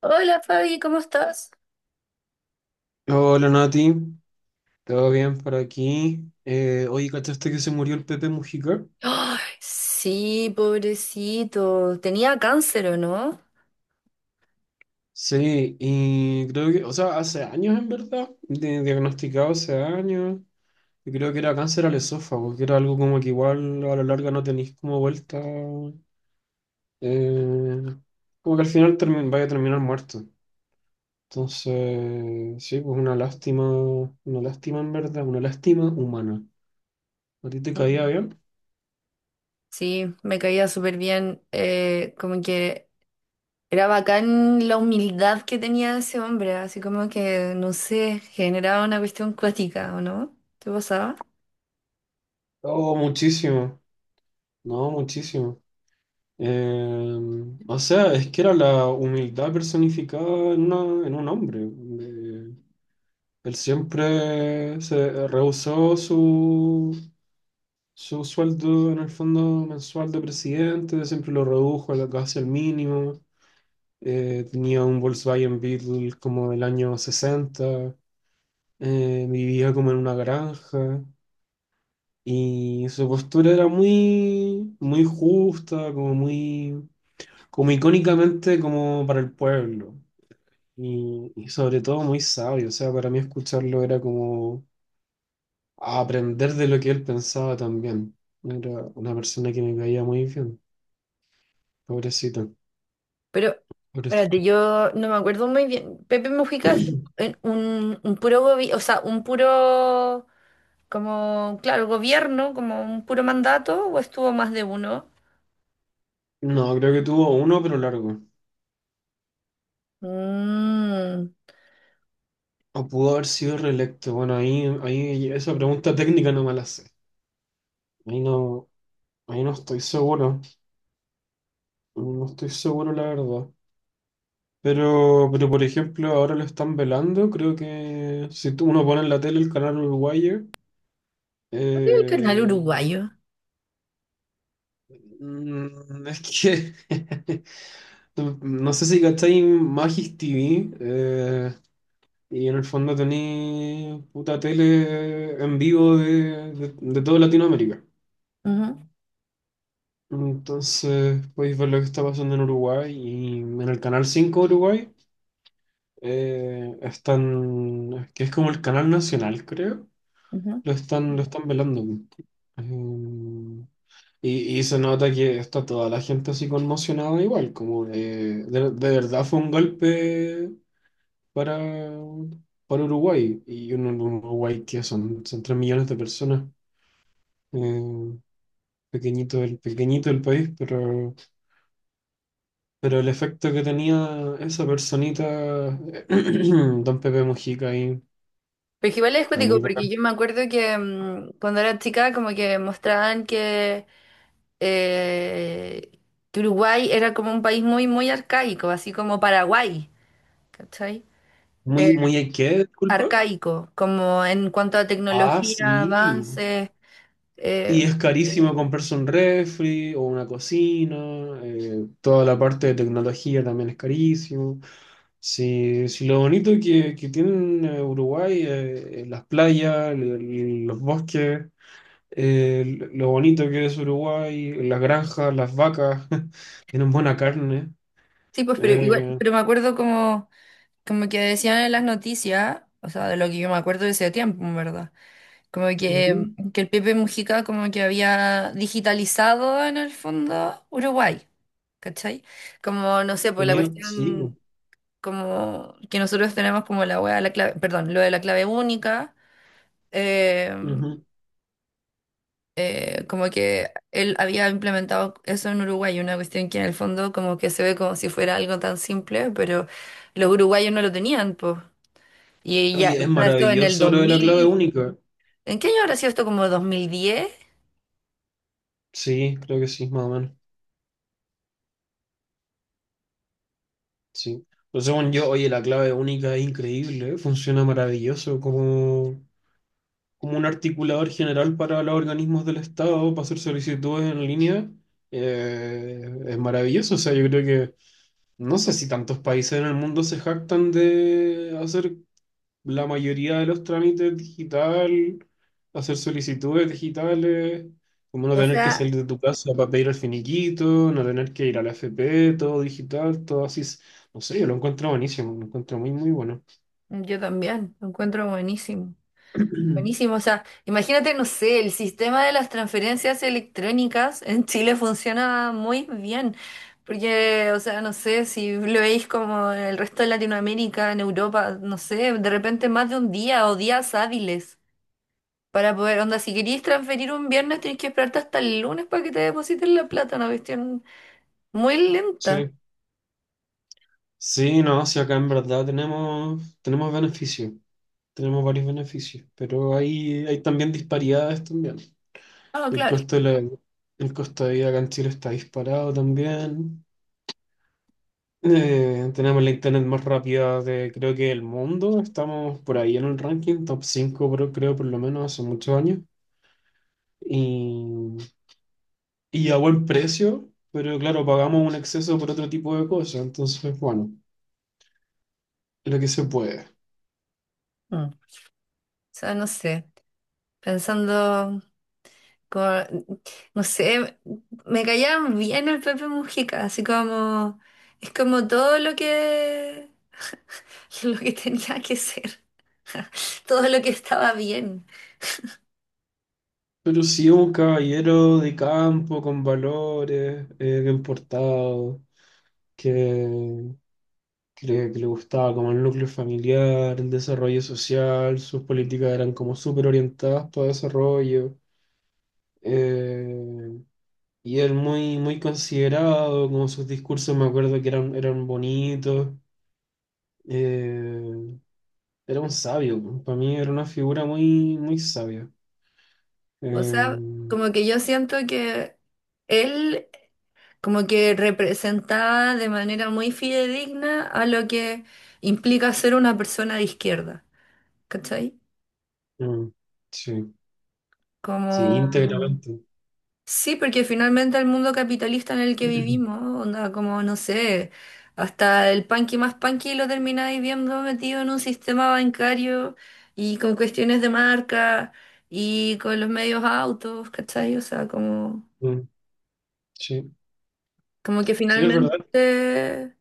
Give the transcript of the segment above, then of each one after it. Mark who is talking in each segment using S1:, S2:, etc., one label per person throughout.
S1: Hola Fabi, ¿cómo estás?
S2: Hola Nati, ¿todo bien por aquí? Oye, ¿cachaste que se murió el Pepe Mujica?
S1: Ay, sí, pobrecito. Tenía cáncer, ¿o no?
S2: Sí, y creo que, o sea, hace años en verdad, diagnosticado hace años, y creo que era cáncer al esófago, que era algo como que igual a la larga no tenéis como vuelta, eh, como que al final vaya a terminar muerto. Entonces, sí, pues una lástima en verdad, una lástima humana. ¿A ti te caía
S1: Mm.
S2: bien?
S1: Sí, me caía súper bien. Como que era bacán la humildad que tenía ese hombre, así como que, no sé, generaba una cuestión cuática, ¿o no? ¿Te pasaba?
S2: Oh, muchísimo, no, muchísimo. Eh, o sea, es que era la humildad personificada en un hombre. Él siempre se rehusó su, su sueldo en el fondo mensual de presidente, siempre lo redujo casi al mínimo. Tenía un Volkswagen Beetle como del año 60. Vivía como en una granja y su postura era muy, muy justa, como muy como icónicamente como para el pueblo. Y sobre todo muy sabio, o sea, para mí escucharlo era como aprender de lo que él pensaba también. Era una persona que me caía muy bien, pobrecito,
S1: Pero,
S2: pobrecito.
S1: espérate, yo no me acuerdo muy bien. ¿Pepe Mujica es en un puro gobierno? O sea, un puro, como, claro, gobierno, como un puro mandato, o estuvo más de uno.
S2: No, creo que tuvo uno, pero largo.
S1: Mm.
S2: O pudo haber sido reelecto. Bueno, ahí esa pregunta técnica no me la sé. Ahí no, ahí no estoy seguro, no estoy seguro la verdad. Pero por ejemplo, ahora lo están velando, creo que si uno pone en la tele el canal uruguayo,
S1: ¿Cuál es el canal
S2: eh,
S1: uruguayo?
S2: mm, es que no sé si cacháis Magis TV y en el fondo tenéis puta tele en vivo de toda Latinoamérica. Entonces podéis ver lo que está pasando en Uruguay y en el canal 5 de Uruguay están, que es como el canal nacional, creo,
S1: Ujú, ujú.
S2: lo están velando. Eh, y se nota que está toda la gente así conmocionada igual, como de verdad fue un golpe para, para Uruguay. Y un Uruguay que son 3 millones de personas. eh, pequeñito el país, pero el efecto que tenía esa personita, Don Pepe Mujica ahí,
S1: Porque igual es
S2: era
S1: cuático,
S2: muy
S1: porque
S2: bacán.
S1: yo me acuerdo que cuando era chica como que mostraban eh, que Uruguay era como un país muy, muy arcaico, así como Paraguay, ¿cachai? Eh,
S2: Muy, muy ¿qué? Disculpa.
S1: Arcaico, como en cuanto a
S2: Ah,
S1: tecnología,
S2: sí.
S1: avances.
S2: Y
S1: eh,
S2: es carísimo comprarse un refri o una cocina, toda la parte de tecnología también es carísimo. Sí, sí, lo bonito que tiene Uruguay, las playas, los bosques, lo bonito que es Uruguay, las granjas, las vacas, tienen buena carne.
S1: sí, pues, pero igual,
S2: Eh,
S1: pero me acuerdo como, como que decían en las noticias, o sea, de lo que yo me acuerdo de ese tiempo, ¿en verdad? Como
S2: ujú,
S1: que el Pepe Mujica como que había digitalizado en el fondo Uruguay, ¿cachai? Como, no sé, pues la
S2: tenía, sí,
S1: cuestión
S2: po,
S1: como que nosotros tenemos como la wea, de la clave, perdón, lo de la clave única, eh,
S2: ujú.
S1: como que él había implementado eso en Uruguay, una cuestión que en el fondo como que se ve como si fuera algo tan simple, pero los uruguayos no lo tenían, pues. Y ya,
S2: Oye,
S1: o
S2: es
S1: sea, esto en el
S2: maravilloso
S1: dos
S2: lo de la clave
S1: mil
S2: única.
S1: ¿en qué año habrá sido esto? Como 2010.
S2: Sí, creo que sí, más o menos. Sí. Pero según yo, oye, la clave única es increíble, ¿eh? Funciona maravilloso como, como un articulador general para los organismos del Estado, para hacer solicitudes en línea. Es maravilloso, o sea, yo creo que no sé si tantos países en el mundo se jactan de hacer la mayoría de los trámites digital, hacer solicitudes digitales, como no
S1: O
S2: tener que
S1: sea,
S2: salir de tu casa para pedir el finiquito, no tener que ir a la FP, todo digital, todo así. Es- No sé, yo lo encuentro buenísimo, lo encuentro muy, muy bueno.
S1: yo también, lo encuentro buenísimo. Buenísimo, o sea, imagínate, no sé, el sistema de las transferencias electrónicas en Chile funciona muy bien, porque, o sea, no sé, si lo veis como en el resto de Latinoamérica, en Europa, no sé, de repente más de un día o días hábiles para poder, onda, si queréis transferir un viernes, tenéis que esperarte hasta el lunes para que te depositen la plata, una cuestión muy lenta.
S2: Sí, sí, no, si acá en verdad tenemos, tenemos beneficios, tenemos varios beneficios, pero hay también disparidades también.
S1: Ah,
S2: El
S1: claro.
S2: costo de la, el costo de vida acá en Chile está disparado también. Tenemos la internet más rápida de creo que el mundo. Estamos por ahí en el ranking, top 5 creo, creo por lo menos hace muchos años. Y, y a buen precio, pero claro, pagamos un exceso por otro tipo de cosas. Entonces, bueno, lo que se puede.
S1: Mm. O sea, no sé, pensando... con- no sé, me callaban bien el Pepe Mujica, así como, es como todo lo que, lo que tenía que ser, todo lo que estaba bien.
S2: Pero sí un caballero de campo con valores, bien portado, que, que le gustaba como el núcleo familiar, el desarrollo social, sus políticas eran como súper orientadas para desarrollo. Eh, y él muy, muy considerado, como sus discursos me acuerdo que eran, eran bonitos. Eh, era un sabio, para mí era una figura muy, muy sabia. Eh,
S1: O sea, como que yo siento que él como que representaba de manera muy fidedigna a lo que implica ser una persona de izquierda, ¿cachai?
S2: mm, sí, sí,
S1: Como,
S2: íntegramente.
S1: sí, porque finalmente el mundo capitalista en el que vivimos, onda, como no sé, hasta el punky más punky lo termináis viendo metido en un sistema bancario y con cuestiones de marca y con los medios autos, ¿cachai? O sea, como,
S2: Mm, sí,
S1: como que
S2: sí, es verdad.
S1: finalmente,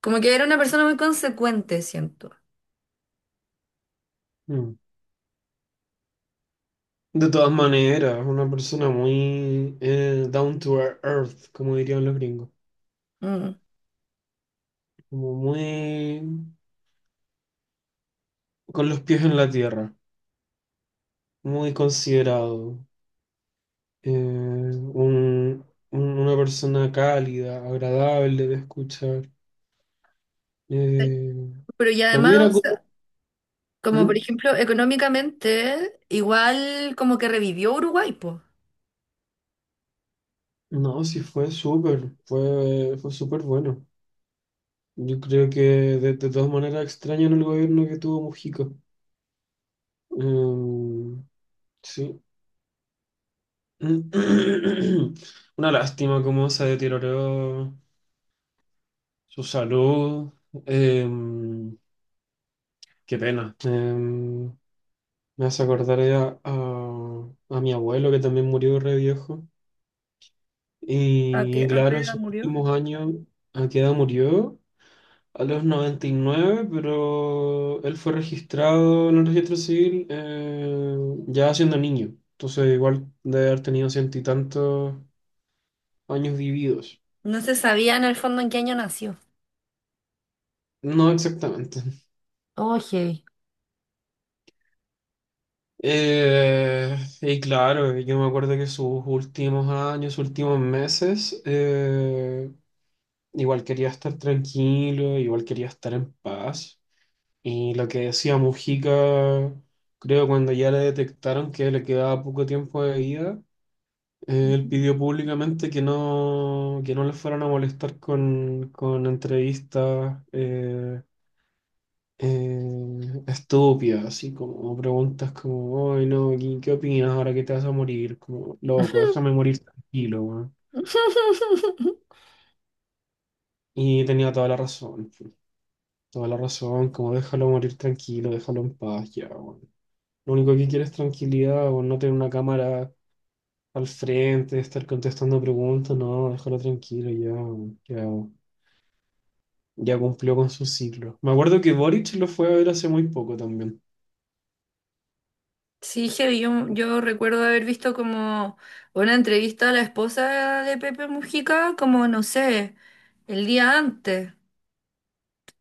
S1: como que era una persona muy consecuente, siento.
S2: Mm. De todas maneras, una persona muy down to earth, como dirían los gringos.
S1: Mm.
S2: Como muy con los pies en la tierra, muy considerado, eh, un- una persona cálida, agradable de escuchar. Eh,
S1: Pero y
S2: Para mí era
S1: además, o
S2: como-
S1: sea, como por
S2: ¿Mm?
S1: ejemplo, económicamente, igual como que revivió Uruguay, pues.
S2: No, sí fue súper, fue, fue súper bueno. Yo creo que de todas maneras extrañan el gobierno que tuvo Mujica. Sí. Una lástima cómo se deterioró su salud. Eh, qué pena. Me hace acordar a mi abuelo que también murió re viejo. Y,
S1: A qué
S2: claro,
S1: edad
S2: sus
S1: murió?
S2: últimos años, ¿a qué edad murió? A los 99, pero él fue registrado en el registro civil ya siendo niño. Entonces igual debe haber tenido ciento y tantos años vividos.
S1: No se sabía en el fondo en qué año nació.
S2: No exactamente.
S1: Oye,
S2: Y claro, yo me acuerdo que sus últimos años, sus últimos meses, igual quería estar tranquilo, igual quería estar en paz. Y lo que decía Mujica, creo cuando ya le detectaron que le quedaba poco tiempo de vida, él pidió públicamente que no le fueran a molestar con entrevistas estúpidas, así como preguntas como, ay no, ¿qué, qué opinas ahora que te vas a morir? Como, loco, déjame morir tranquilo, weón". Y tenía toda la razón. Pues. Toda la razón, como déjalo morir tranquilo, déjalo en paz ya, weón. Lo único que quiere es tranquilidad, o no tener una cámara al frente, estar contestando preguntas, no, déjalo tranquilo ya, weón, ya, ya cumplió con su ciclo. Me acuerdo que Boric lo fue a ver hace muy poco también.
S1: sí, heavy, yo recuerdo haber visto como una entrevista a la esposa de Pepe Mujica, como no sé, el día antes.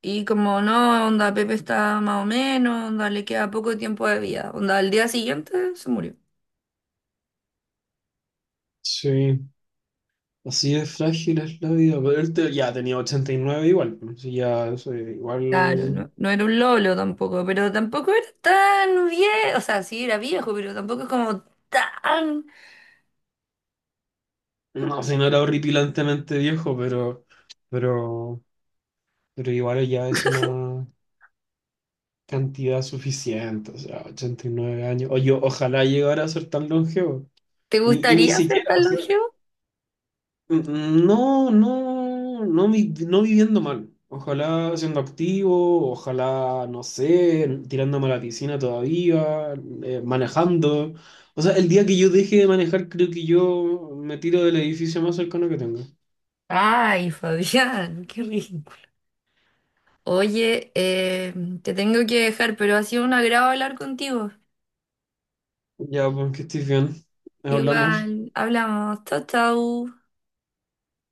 S1: Y como no, onda, Pepe está más o menos, onda, le queda poco tiempo de vida. Onda, al día siguiente se murió.
S2: Sí, así de frágil es la vida, pero él ya tenía 89 igual, pues, sí, ya, eso,
S1: Claro, no,
S2: igual,
S1: no era un lolo tampoco, pero tampoco era tan viejo. O sea, sí era viejo, pero tampoco es como tan.
S2: no sé, no era horripilantemente viejo, pero, pero igual ya es una... cantidad suficiente, o sea, 89 años. O yo, ojalá llegara a ser tan longevo.
S1: ¿Te
S2: Y, ni
S1: gustaría ser
S2: siquiera,
S1: tan
S2: o sea,
S1: longevo?
S2: n- no, no, no, no viviendo mal. Ojalá siendo activo, ojalá, no sé, tirándome a la piscina todavía, manejando. O sea, el día que yo deje de manejar, creo que yo me tiro del edificio más cercano que tengo.
S1: Ay, Fabián, qué ridículo. Oye, te tengo que dejar, pero ha sido un agrado hablar contigo.
S2: Ya, pues que estés bien. Hablamos.
S1: Igual, hablamos. Chau, chau.